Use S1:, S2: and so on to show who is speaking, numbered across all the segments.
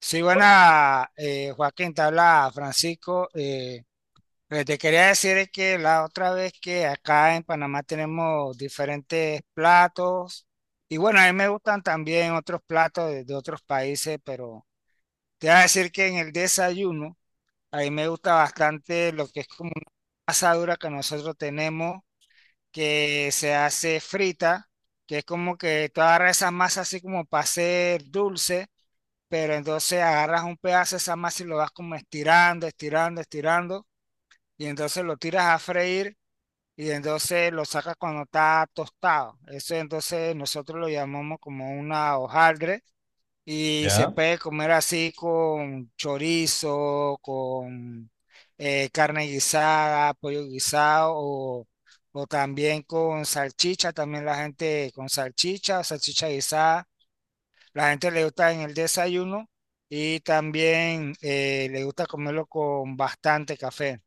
S1: Sí, buena, Joaquín, te habla Francisco. Lo que te quería decir es que la otra vez que acá en Panamá tenemos diferentes platos y bueno, a mí me gustan también otros platos de otros países, pero te voy a decir que en el desayuno a mí me gusta bastante lo que es como una asadura que nosotros tenemos que se hace frita, que es como que toda esa masa así como para hacer dulce, pero entonces agarras un pedazo de esa masa y lo vas como estirando, estirando, estirando, y entonces lo tiras a freír y entonces lo sacas cuando está tostado. Eso entonces nosotros lo llamamos como una hojaldre y se
S2: ¿Ya?
S1: puede comer así con chorizo, con carne guisada, pollo guisado o... O también con salchicha, también la gente con salchicha, salchicha guisada, la gente le gusta en el desayuno, y también le gusta comerlo con bastante café.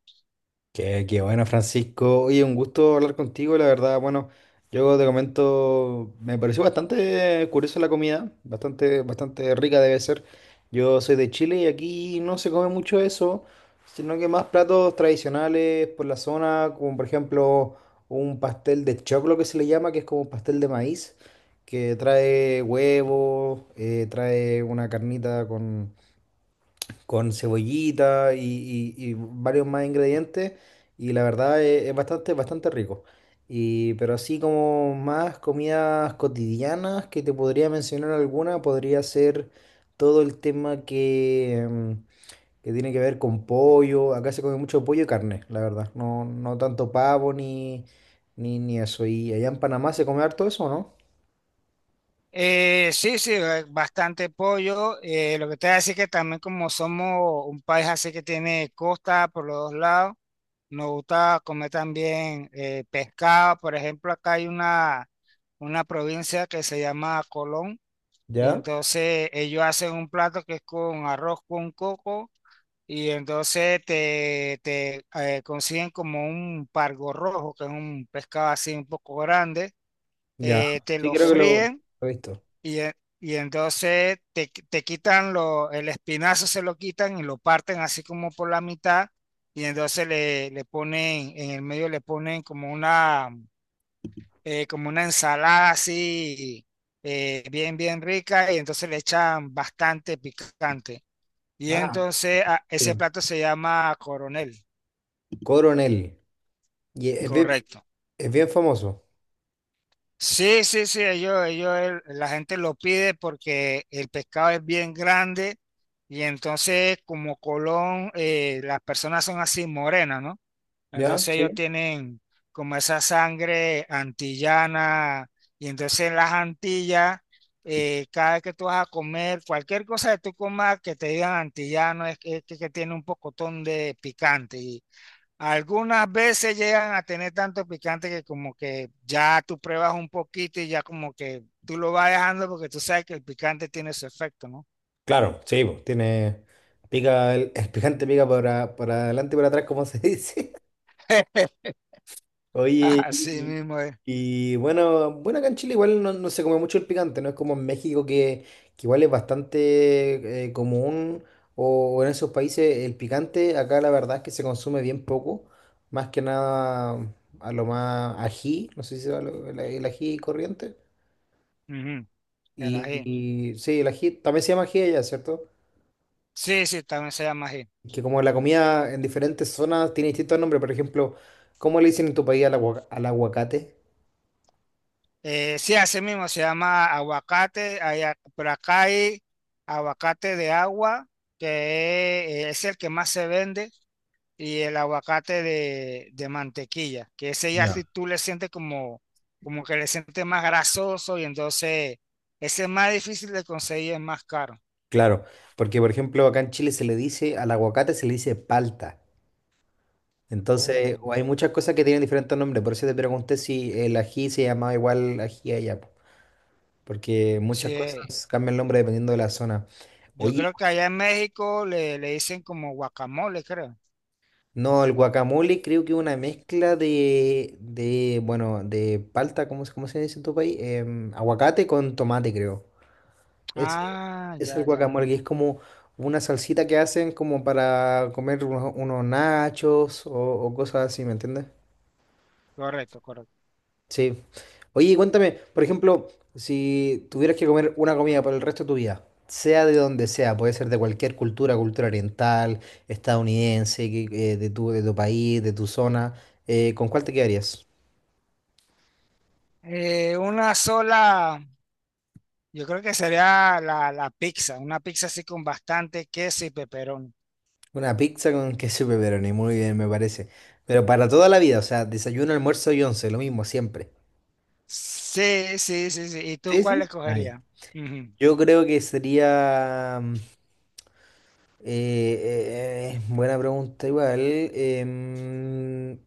S2: Qué bueno, Francisco. Oye, un gusto hablar contigo, la verdad. Bueno, yo te comento, me pareció bastante curiosa la comida, bastante, bastante rica debe ser. Yo soy de Chile y aquí no se come mucho eso, sino que más platos tradicionales por la zona, como por ejemplo un pastel de choclo que se le llama, que es como un pastel de maíz, que trae huevo, trae una carnita con cebollita y varios más ingredientes y la verdad es bastante, bastante rico. Y, pero así como más comidas cotidianas que te podría mencionar alguna, podría ser todo el tema que tiene que ver con pollo. Acá se come mucho pollo y carne, la verdad. No, no tanto pavo ni eso. Y allá en Panamá se come harto eso, ¿no?
S1: Sí, sí, bastante pollo. Lo que te voy a decir que también, como somos un país así que tiene costa por los dos lados, nos gusta comer también pescado. Por ejemplo, acá hay una provincia que se llama Colón, y
S2: ¿Ya?
S1: entonces ellos hacen un plato que es con arroz con coco. Y entonces te consiguen como un pargo rojo, que es un pescado así un poco grande,
S2: Ya.
S1: te
S2: Sí,
S1: lo
S2: creo que lo
S1: fríen
S2: he visto.
S1: y, e- y entonces te quitan lo, el espinazo, se lo quitan y lo parten así como por la mitad, y entonces le ponen, en el medio le ponen como una ensalada así, bien, bien rica, y entonces le echan bastante picante. Y
S2: Ah,
S1: entonces ese
S2: bien.
S1: plato se llama coronel.
S2: Coronel. Y es,
S1: Correcto.
S2: Es bien famoso,
S1: Sí, sí, sí, la gente lo pide porque el pescado es bien grande, y entonces como Colón, las personas son así morenas, ¿no?
S2: ¿ya?
S1: Entonces ellos
S2: ¿Sí?
S1: tienen como esa sangre antillana, y entonces en las Antillas, cada vez que tú vas a comer, cualquier cosa que tú comas que te digan antillano es que tiene un pocotón de picante, y algunas veces llegan a tener tanto picante que como que ya tú pruebas un poquito y ya como que tú lo vas dejando porque tú sabes que el picante tiene su efecto, ¿no?
S2: Claro, sí, po, tiene, pica, el, el picante pica para adelante y para atrás, como se dice. Oye,
S1: Así
S2: y,
S1: mismo es.
S2: y bueno, bueno, acá en Chile igual no, no se come mucho el picante, no es como en México que igual es bastante común, o en esos países el picante, acá la verdad es que se consume bien poco, más que nada a lo más ají, no sé si se llama lo- el ají corriente.
S1: Ujú, el ají.
S2: Y sí, el ají también se llama ají allá, ¿cierto?
S1: Sí, sí, también se llama ají.
S2: Que como la comida en diferentes zonas tiene distintos nombres, por ejemplo, ¿cómo le dicen en tu país al, agua- al aguacate?
S1: Sí, así mismo se llama aguacate, allá- pero acá hay aguacate de agua, que es el que más se vende. Y el aguacate de mantequilla, que ese ya si
S2: Ya.
S1: tú le sientes como, como que le sientes más grasoso, y entonces ese es más difícil de conseguir, es más caro.
S2: Claro, porque por ejemplo acá en Chile se le dice, al aguacate se le dice palta. Entonces, o
S1: Oh.
S2: hay muchas cosas que tienen diferentes nombres, por eso te pregunté si el ají se llamaba igual ají allá, po, porque muchas
S1: Sí,
S2: cosas cambian el nombre dependiendo de la zona.
S1: yo
S2: Oye,
S1: creo que allá en México le dicen como guacamole, creo.
S2: no, el guacamole creo que es una mezcla bueno, de palta, cómo se dice en tu país? Em, aguacate con tomate, creo. Es,
S1: Ah,
S2: es el
S1: ya, ya,
S2: guacamole, que es como una salsita que hacen como para comer unos nachos o cosas así, ¿me entiendes?
S1: correcto, correcto.
S2: Sí. Oye, y cuéntame, por ejemplo, si tuvieras que comer una comida por el resto de tu vida, sea de donde sea, puede ser de cualquier cultura, cultura oriental, estadounidense, que- de tu país, de tu zona, ¿con cuál te quedarías?
S1: Una sola, yo creo que sería la pizza, una pizza así con bastante queso y peperón.
S2: Una pizza con queso y pepperoni, muy bien, me parece. Pero para toda la vida, o sea, desayuno, almuerzo y once, lo mismo, siempre.
S1: Sí, sí, sí, sí. ¿Y tú
S2: Sí,
S1: cuál
S2: sí. Ah, ya.
S1: escogerías? Ujú.
S2: Yo creo que sería... buena pregunta igual.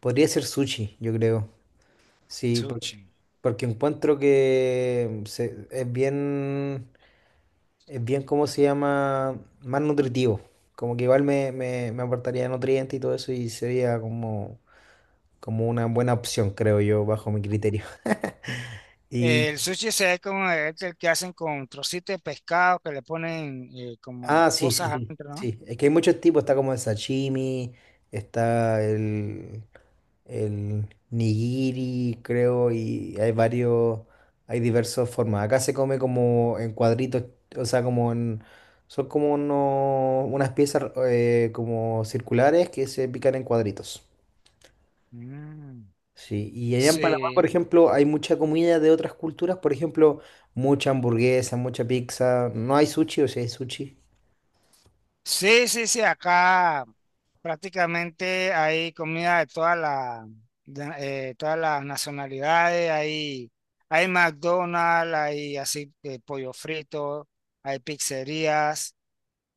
S2: Podría ser sushi, yo creo. Sí,
S1: Sushi.
S2: porque encuentro es bien, ¿cómo se llama? Más nutritivo. Como que igual me aportaría nutrientes y todo eso y sería como, como una buena opción, creo yo, bajo mi criterio. Y,
S1: El sushi se ve como el que hacen con trocitos de pescado que le ponen, como
S2: ah, sí, sí,
S1: cosas
S2: sí,
S1: adentro, ¿no?
S2: sí. Es que hay muchos tipos, está como el sashimi, está el nigiri, creo, y hay varios, hay diversas formas. Acá se come como en cuadritos, o sea, como en, son como uno- unas piezas como circulares que se pican en cuadritos.
S1: Mm.
S2: Sí, y allá en Panamá,
S1: Sí,
S2: por ejemplo, hay mucha comida de otras culturas, por ejemplo, mucha hamburguesa, mucha pizza. No hay sushi, o sea, hay sushi.
S1: sí, sí, sí, acá prácticamente hay comida de todas las, todas las nacionalidades, hay McDonald's, hay así pollo frito, hay pizzerías.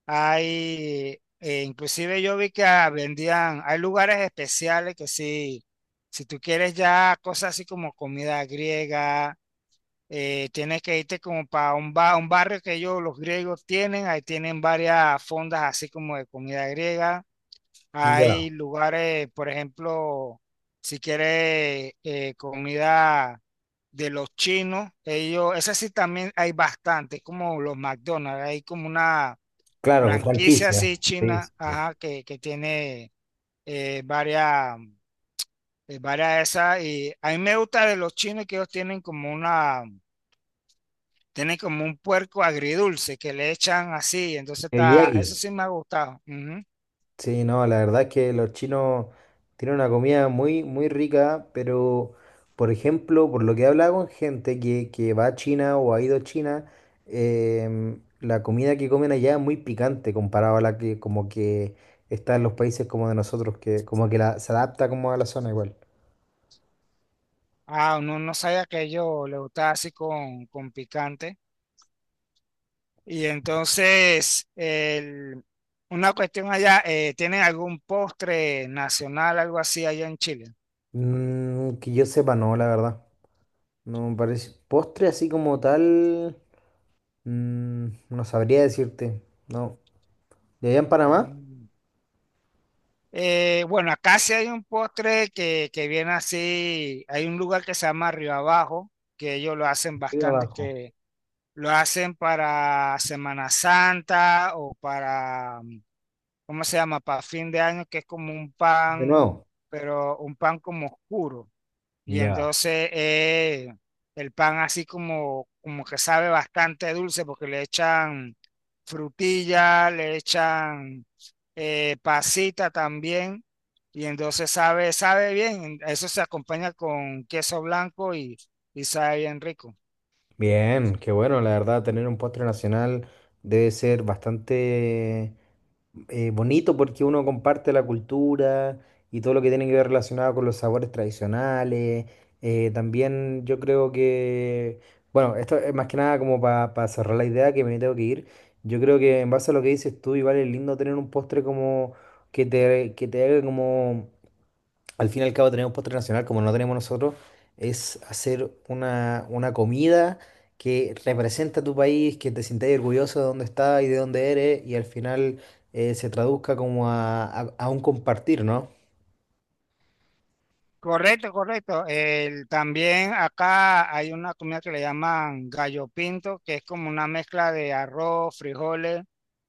S1: Hay, inclusive yo vi que vendían, hay lugares especiales que sí, si tú quieres ya cosas así como comida griega, tienes que irte como para un, un barrio que ellos, los griegos tienen, ahí tienen varias fondas así como de comida griega. Hay
S2: Ya.
S1: lugares, por ejemplo, si quieres comida de los chinos, ellos, esa sí también hay bastante, como los McDonald's, hay como una
S2: Claro, con
S1: franquicia
S2: franquicia.
S1: así
S2: Sí,
S1: china,
S2: sí, sí.
S1: ajá, que tiene eh, varias, varias de esas. Y a mí me gusta de los chinos que ellos tienen como una, tienen como un puerco agridulce que le echan así. Entonces está, eso
S2: Teriyaki.
S1: sí me ha gustado. Ujú.
S2: Sí, no, la verdad es que los chinos tienen una comida muy, muy rica, pero, por ejemplo, por lo que he hablado con gente que va a China o ha ido a China, em, la comida que comen allá es muy picante comparado a la que como que está en los países como de nosotros, que como que la, se adapta como a la zona igual.
S1: Ah, no, no sabía que a ellos les gustaba así con picante. Y entonces, una cuestión allá, ¿tienen algún postre nacional, algo así allá en Chile?
S2: Que yo sepa, no, la verdad. No me parece. Postre así como tal, no sabría decirte. No. ¿De allá en Panamá?
S1: Mm. Bueno, acá sí hay un postre que viene así. Hay un lugar que se llama Río Abajo, que ellos lo hacen
S2: Y de
S1: bastante,
S2: abajo.
S1: que lo hacen para Semana Santa o para, ¿cómo se llama? Para fin de año, que es como un
S2: De
S1: pan,
S2: nuevo.
S1: pero un pan como oscuro. Y
S2: Ya.
S1: entonces el pan así como, como que sabe bastante dulce porque le echan frutilla, le echan pasita también. Y entonces sabe, sabe bien. Eso se acompaña con queso blanco, y sabe bien rico.
S2: Bien, qué bueno, la verdad, tener un postre nacional debe ser bastante bonito porque uno comparte la cultura y todo lo que tiene que ver relacionado con los sabores tradicionales. También yo creo que, bueno, esto es más que nada como para cerrar la idea que me tengo que ir. Yo creo que en base a lo que dices tú, igual es lindo tener un postre como que te haga como al fin y al cabo tenemos postre nacional, como no tenemos nosotros, es hacer una comida que representa tu país, que te sientas orgulloso de dónde estás y de dónde eres, y al final se traduzca como a un compartir, ¿no?
S1: Correcto, correcto. También acá hay una comida que le llaman gallo pinto, que es como una mezcla de arroz, frijoles,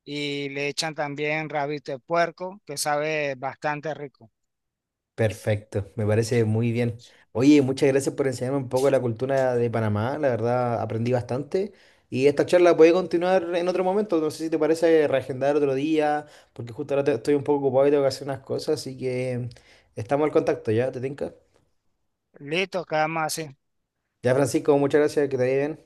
S1: y le echan también rabito de puerco, que sabe bastante rico.
S2: Perfecto, me parece muy bien. Oye, muchas gracias por enseñarme un poco de la cultura de Panamá, la verdad aprendí bastante y esta charla puede continuar en otro momento, no sé si te parece reagendar otro día, porque justo ahora estoy un poco ocupado y tengo que hacer unas cosas, así que estamos al contacto, ¿ya? ¿Te tinca?
S1: Listo, quedamos así.
S2: Ya, Francisco, muchas gracias, que te vaya bien.